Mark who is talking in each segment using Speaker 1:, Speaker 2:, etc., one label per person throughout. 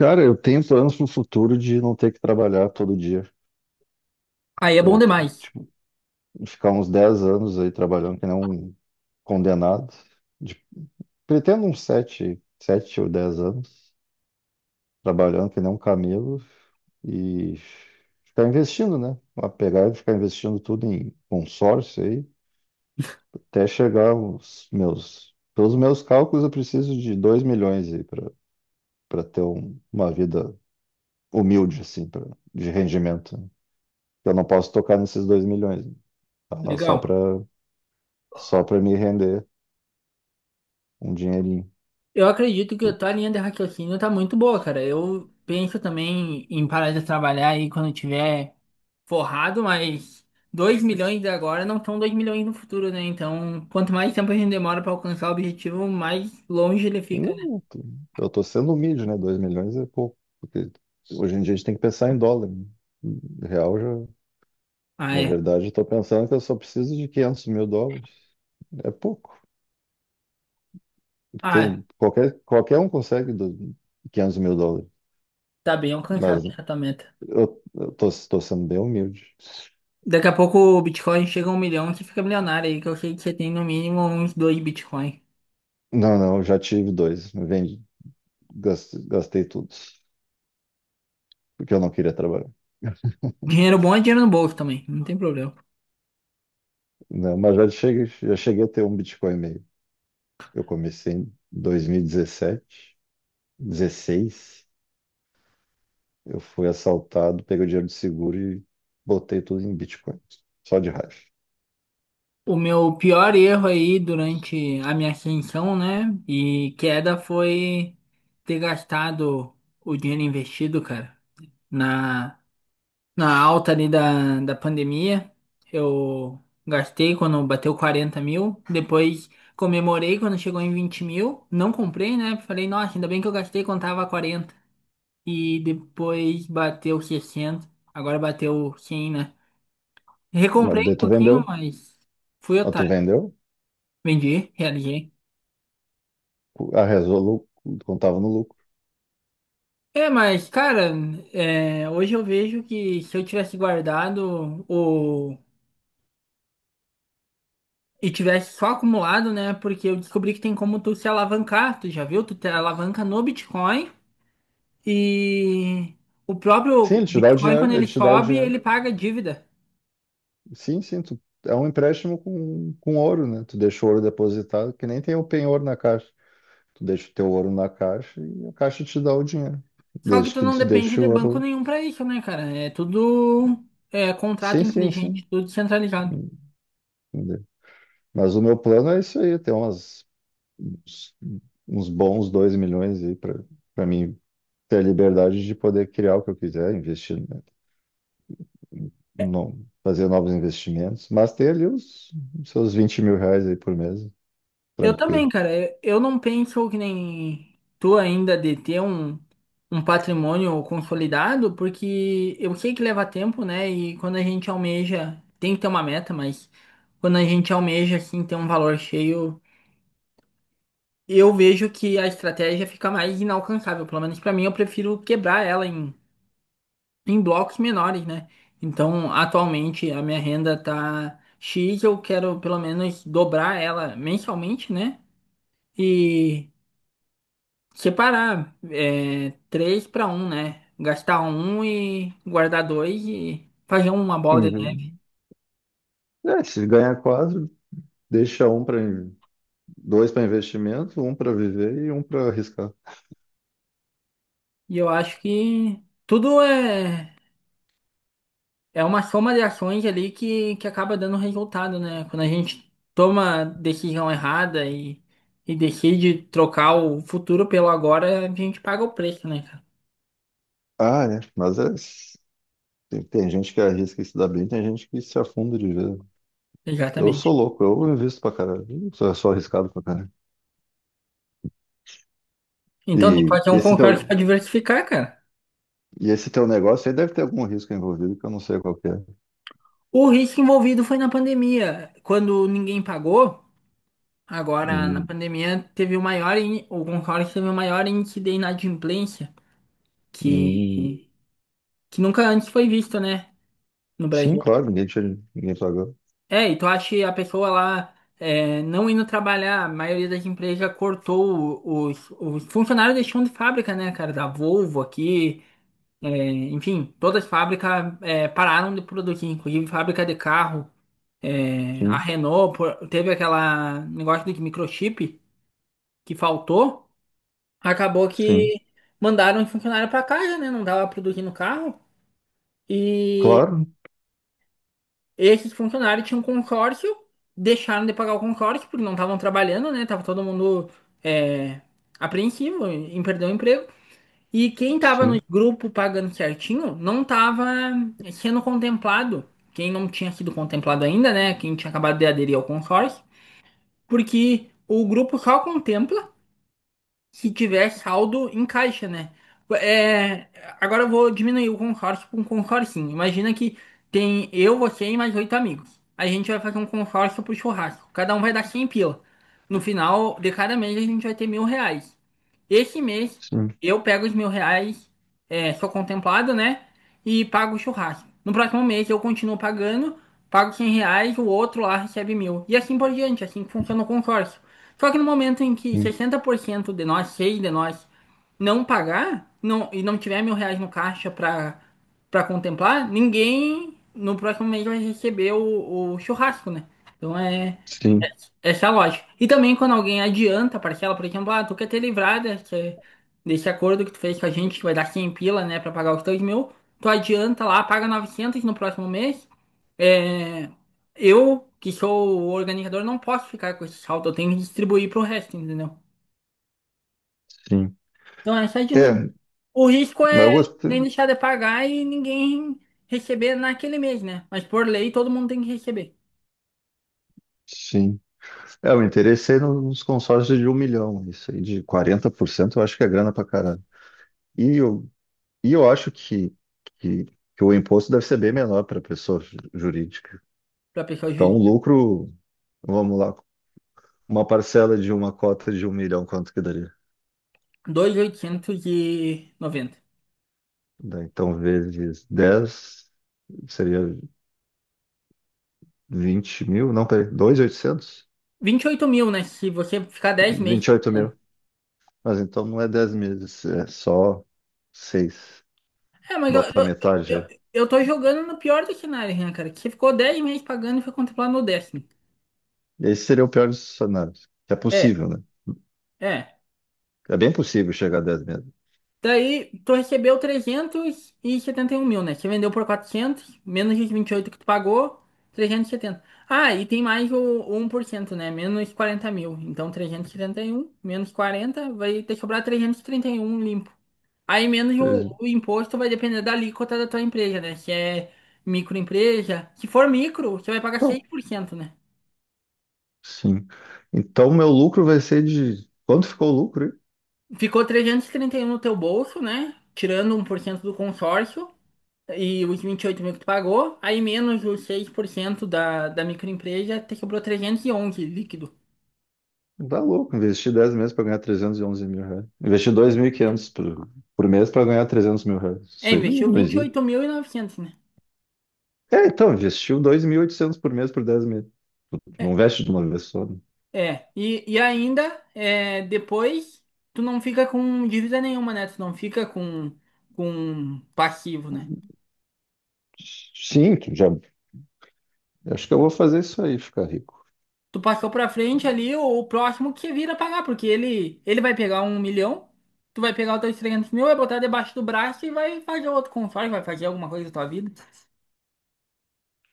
Speaker 1: Cara, eu tenho planos pro futuro de não ter que trabalhar todo dia.
Speaker 2: Aí é bom
Speaker 1: É,
Speaker 2: demais.
Speaker 1: tipo, ficar uns 10 anos aí trabalhando que nem um condenado. De- Pretendo uns 7, 7 ou 10 anos trabalhando que nem um camelo e ficar investindo, né? A pegar e ficar investindo tudo em consórcio aí, até chegar aos meus... Pelos meus cálculos, eu preciso de 2 milhões aí para ter uma vida humilde, assim, pra, de rendimento. Eu não posso tocar nesses 2 milhões, né? Tá lá
Speaker 2: Legal.
Speaker 1: só pra me render um dinheirinho.
Speaker 2: Eu acredito que a
Speaker 1: Porque-
Speaker 2: tua linha de raciocínio tá muito boa, cara. Eu penso também em parar de trabalhar aí quando eu tiver forrado, mas 2 milhões de agora não são 2 milhões no futuro, né? Então, quanto mais tempo a gente demora pra alcançar o objetivo, mais longe ele fica, né?
Speaker 1: não, eu tô sendo humilde, né? 2 milhões é pouco. Porque hoje em dia a gente tem que pensar em dólar, né? Real já.
Speaker 2: Ah,
Speaker 1: Na
Speaker 2: é.
Speaker 1: verdade, eu tô pensando que eu só preciso de 500 mil dólares. É pouco.
Speaker 2: Ah, é.
Speaker 1: Qualquer um consegue 500 mil dólares.
Speaker 2: Tá bem alcançável
Speaker 1: Mas
Speaker 2: essa meta.
Speaker 1: eu tô sendo bem humilde.
Speaker 2: Daqui a pouco o Bitcoin chega a um milhão, e você fica milionário aí, que eu sei que você tem no mínimo uns dois Bitcoin.
Speaker 1: Não, não, eu já tive dois. Vendi, gastei tudo. Porque eu não queria trabalhar.
Speaker 2: Dinheiro bom é dinheiro no bolso também, não tem problema.
Speaker 1: Não, mas já cheguei a ter um Bitcoin e meio. Eu comecei em 2017, 16. Eu fui assaltado, peguei o dinheiro do seguro e botei tudo em Bitcoin. Só de raiva.
Speaker 2: O meu pior erro aí durante a minha ascensão, né? E queda foi ter gastado o dinheiro investido, cara. Na, na alta ali da pandemia, eu gastei quando bateu 40 mil. Depois comemorei quando chegou em 20 mil. Não comprei, né? Falei, nossa, ainda bem que eu gastei quando tava 40. E depois bateu 60. Agora bateu 100, né? Recomprei
Speaker 1: Mas daí
Speaker 2: um
Speaker 1: tu
Speaker 2: pouquinho,
Speaker 1: vendeu.
Speaker 2: mas fui
Speaker 1: Mas tu
Speaker 2: otário.
Speaker 1: vendeu.
Speaker 2: Vendi, realizei.
Speaker 1: A Resolu contava no lucro.
Speaker 2: É, mas, cara, é, hoje eu vejo que se eu tivesse guardado o... e tivesse só acumulado, né? Porque eu descobri que tem como tu se alavancar, tu já viu? Tu te alavanca no Bitcoin e o
Speaker 1: Sim,
Speaker 2: próprio
Speaker 1: ele te dá o
Speaker 2: Bitcoin, quando
Speaker 1: dinheiro.
Speaker 2: ele
Speaker 1: Ele te dá o
Speaker 2: sobe,
Speaker 1: dinheiro.
Speaker 2: ele paga dívida.
Speaker 1: Sim, sim. Tu, é um empréstimo com ouro, né? Tu deixa o ouro depositado, que nem tem o penhor na caixa. Tu deixa o teu ouro na caixa e a caixa te dá o dinheiro.
Speaker 2: Só que
Speaker 1: Desde
Speaker 2: tu
Speaker 1: que
Speaker 2: não
Speaker 1: tu
Speaker 2: depende
Speaker 1: deixe
Speaker 2: de
Speaker 1: o
Speaker 2: banco
Speaker 1: ouro.
Speaker 2: nenhum pra isso, né, cara? É tudo é, contrato
Speaker 1: Sim, sim, sim.
Speaker 2: inteligente, tudo centralizado.
Speaker 1: Entendi. Mas o meu plano é isso aí, ter umas, uns, uns bons 2 milhões aí para mim ter a liberdade de poder criar o que eu quiser, investir, né, no, fazer novos investimentos, mas ter ali os seus 20 mil reais aí por mês,
Speaker 2: Eu também,
Speaker 1: tranquilo.
Speaker 2: cara. Eu não penso que nem tu ainda de ter um patrimônio consolidado, porque eu sei que leva tempo, né? E quando a gente almeja, tem que ter uma meta, mas quando a gente almeja, assim, ter um valor cheio, eu vejo que a estratégia fica mais inalcançável. Pelo menos pra mim, eu prefiro quebrar ela em blocos menores, né? Então, atualmente, a minha renda tá X, eu quero pelo menos dobrar ela mensalmente, né? E. Separar é, três para um, né? Gastar um e guardar dois e fazer uma bola de neve.
Speaker 1: Uhum. É, se ganhar quatro, deixa um para dois para investimento, um para viver e um para arriscar.
Speaker 2: E eu acho que tudo é uma soma de ações ali que acaba dando resultado, né? Quando a gente toma decisão errada e decide trocar o futuro pelo agora, a gente paga o preço, né, cara?
Speaker 1: Ah, é. Mas é, tem, tem gente que arrisca e se dá bem, tem gente que se afunda de vez. Eu sou
Speaker 2: Exatamente.
Speaker 1: louco, eu invisto pra caralho. Eu sou arriscado pra caralho.
Speaker 2: Então, tem que
Speaker 1: E,
Speaker 2: fazer
Speaker 1: e
Speaker 2: um
Speaker 1: esse
Speaker 2: concurso
Speaker 1: teu,
Speaker 2: para diversificar, cara.
Speaker 1: e esse teu negócio aí deve ter algum risco envolvido que eu não sei qual que é.
Speaker 2: O risco envolvido foi na pandemia, quando ninguém pagou. Agora, na
Speaker 1: Hum,
Speaker 2: pandemia, teve o maior, o Concorde teve o maior índice de inadimplência
Speaker 1: hum.
Speaker 2: que, que nunca antes foi visto, né, no
Speaker 1: Sim,
Speaker 2: Brasil.
Speaker 1: claro, ninguém, tinha, ninguém pagou.
Speaker 2: É, e tu acha que a pessoa lá é, não indo trabalhar, a maioria das empresas cortou os funcionários deixando de fábrica, né, cara, da Volvo aqui, é, enfim, todas as fábricas é, pararam de produzir, inclusive fábrica de carro, é, a
Speaker 1: Sim,
Speaker 2: Renault teve aquela negócio de microchip que faltou. Acabou
Speaker 1: sim.
Speaker 2: que mandaram um funcionário para casa, né? Não dava produzir no carro. E
Speaker 1: Claro,
Speaker 2: esses funcionários tinham um consórcio, deixaram de pagar o consórcio porque não estavam trabalhando, né? Tava todo mundo é, apreensivo em perder o emprego. E quem tava no
Speaker 1: sim,
Speaker 2: grupo pagando certinho não tava sendo contemplado. Quem não tinha sido contemplado ainda, né? Quem tinha acabado de aderir ao consórcio. Porque o grupo só contempla se tiver saldo em caixa, né? É, agora eu vou diminuir o consórcio para um consorcinho. Imagina que tem eu, você e mais oito amigos. A gente vai fazer um consórcio pro churrasco. Cada um vai dar 100 pila. No final de cada mês a gente vai ter mil reais. Esse mês
Speaker 1: sim,
Speaker 2: eu pego os mil reais, é, sou contemplado, né? E pago o churrasco. No próximo mês eu continuo pagando, pago 100 reais, o outro lá recebe mil. E assim por diante, assim que funciona o consórcio. Só que no momento em que
Speaker 1: sim,
Speaker 2: 60% de nós, seis de nós, não pagar não, e não tiver mil reais no caixa pra contemplar, ninguém no próximo mês vai receber o churrasco, né? Então é,
Speaker 1: sim,
Speaker 2: essa é a lógica. E também quando alguém adianta a parcela, por exemplo, ah, tu quer ter livrada desse acordo que tu fez com a gente, que vai dar 100 pila, né, pra pagar os 2 mil, tu adianta lá, paga 900 no próximo mês. É, eu, que sou o organizador, não posso ficar com esse saldo, eu tenho que distribuir pro resto, entendeu?
Speaker 1: sim.
Speaker 2: Então essa é a dinâmica.
Speaker 1: É,
Speaker 2: O risco
Speaker 1: mas
Speaker 2: é
Speaker 1: eu
Speaker 2: nem
Speaker 1: gostei.
Speaker 2: deixar de pagar e ninguém receber naquele mês, né? Mas por lei todo mundo tem que receber,
Speaker 1: Sim. É, eu interessei nos consórcios de um milhão, isso aí, de 40% eu acho que é grana pra caralho. E eu, e eu acho que, que o imposto deve ser bem menor para pessoa jurídica.
Speaker 2: pra pessoa
Speaker 1: Então, o
Speaker 2: jurídica.
Speaker 1: lucro, vamos lá, uma parcela de uma cota de um milhão, quanto que daria?
Speaker 2: 2.890,
Speaker 1: Daí, então, vezes 10 seria 20 mil, não, peraí, dois mil e oitocentos?
Speaker 2: 28 mil, né? Se você ficar 10
Speaker 1: Vinte
Speaker 2: meses.
Speaker 1: e oito mil. Mas então não é 10 meses, é só seis.
Speaker 2: É, mas eu, eu,
Speaker 1: Bota a metade
Speaker 2: eu,
Speaker 1: aí.
Speaker 2: eu tô jogando no pior dos cenários, né, cara? Que você ficou 10 meses pagando e foi contemplado no décimo.
Speaker 1: Esse seria o pior dos cenários. É
Speaker 2: É,
Speaker 1: possível, né?
Speaker 2: é.
Speaker 1: É bem possível chegar a 10 meses.
Speaker 2: Daí, tu recebeu trezentos e setenta e um mil, né? Você vendeu por 400 menos os 28 que tu pagou, 370. Ah, e tem mais o um por cento, né? Menos 40 mil. Então, 371 menos 40 vai te sobrar trezentos e trinta e um limpo. Aí, menos o imposto vai depender da alíquota da tua empresa, né? Se é microempresa. Se for micro, você vai pagar seis
Speaker 1: Então,
Speaker 2: por cento né?
Speaker 1: sim. Então, meu lucro vai ser de... Quanto ficou o lucro?
Speaker 2: Ficou trezentos e trinta e um no teu bolso, né? Tirando um por cento do consórcio. E os 28 mil que tu pagou, aí menos os 6% da microempresa, te sobrou 311 líquido.
Speaker 1: Tá louco, investir 10 meses para ganhar 311 mil reais. Investir 2.500 por mês para ganhar 300 mil reais.
Speaker 2: É,
Speaker 1: Isso aí
Speaker 2: investiu
Speaker 1: não
Speaker 2: vinte e
Speaker 1: existe.
Speaker 2: oito mil e novecentos né?
Speaker 1: É, então, investiu dois mil e oitocentos por mês por 10 meses.
Speaker 2: É,
Speaker 1: Não investe de uma vez só, né?
Speaker 2: é. E ainda, é, depois, tu não fica com dívida nenhuma, né? Tu não fica com passivo, né?
Speaker 1: Sim, tu já. Acho que eu vou fazer isso aí, ficar rico.
Speaker 2: Tu passou pra frente ali, o próximo que vira pagar, porque ele vai pegar um milhão, tu vai pegar os teus 300 mil, vai botar debaixo do braço e vai fazer outro consórcio, vai fazer alguma coisa da tua vida.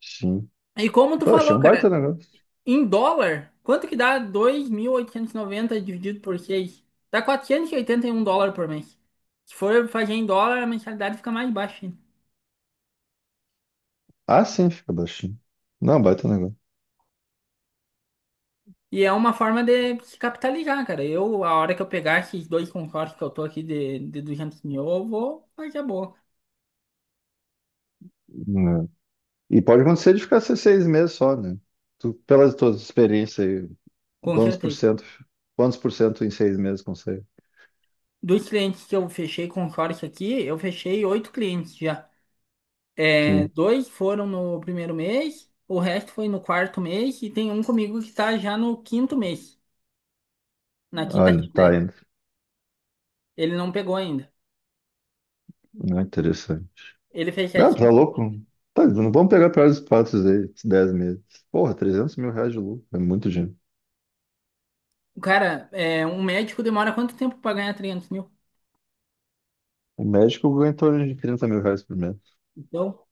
Speaker 1: Sim.
Speaker 2: E como tu
Speaker 1: Pô, achei
Speaker 2: falou,
Speaker 1: um baita
Speaker 2: cara.
Speaker 1: negócio.
Speaker 2: Em dólar, quanto que dá 2.890 dividido por seis? Dá quatrocentos e oitenta e um dólares por mês. Se for fazer em dólar, a mensalidade fica mais baixa ainda.
Speaker 1: Ah, sim, fica baixinho. Não, é um baita negócio.
Speaker 2: E é uma forma de se capitalizar, cara. Eu, a hora que eu pegar esses dois consórcios que eu tô aqui de 200 mil, eu vou fazer a boa.
Speaker 1: Né? E pode acontecer de ficar seis meses só, né? Tu, pelas tuas experiências aí,
Speaker 2: Com
Speaker 1: quantos por
Speaker 2: certeza.
Speaker 1: cento, quantos por cento em seis meses consegue?
Speaker 2: Dos clientes que eu fechei consórcio aqui, eu fechei oito clientes já. É,
Speaker 1: Sim.
Speaker 2: dois foram no primeiro mês, o resto foi no quarto mês, e tem um comigo que tá já no quinto mês, na quinta.
Speaker 1: Olha, tá aí, né?
Speaker 2: Ele não pegou ainda.
Speaker 1: Não é interessante.
Speaker 2: Ele fez
Speaker 1: Não, tá
Speaker 2: 700.
Speaker 1: louco? Tá, não vamos pegar pior dos aí, esses 10 meses. Porra, 300 mil reais de lucro, é muito dinheiro.
Speaker 2: Cara, é, um médico demora quanto tempo pra ganhar 300 mil?
Speaker 1: O médico ganha em torno de 30 mil reais por mês.
Speaker 2: Então,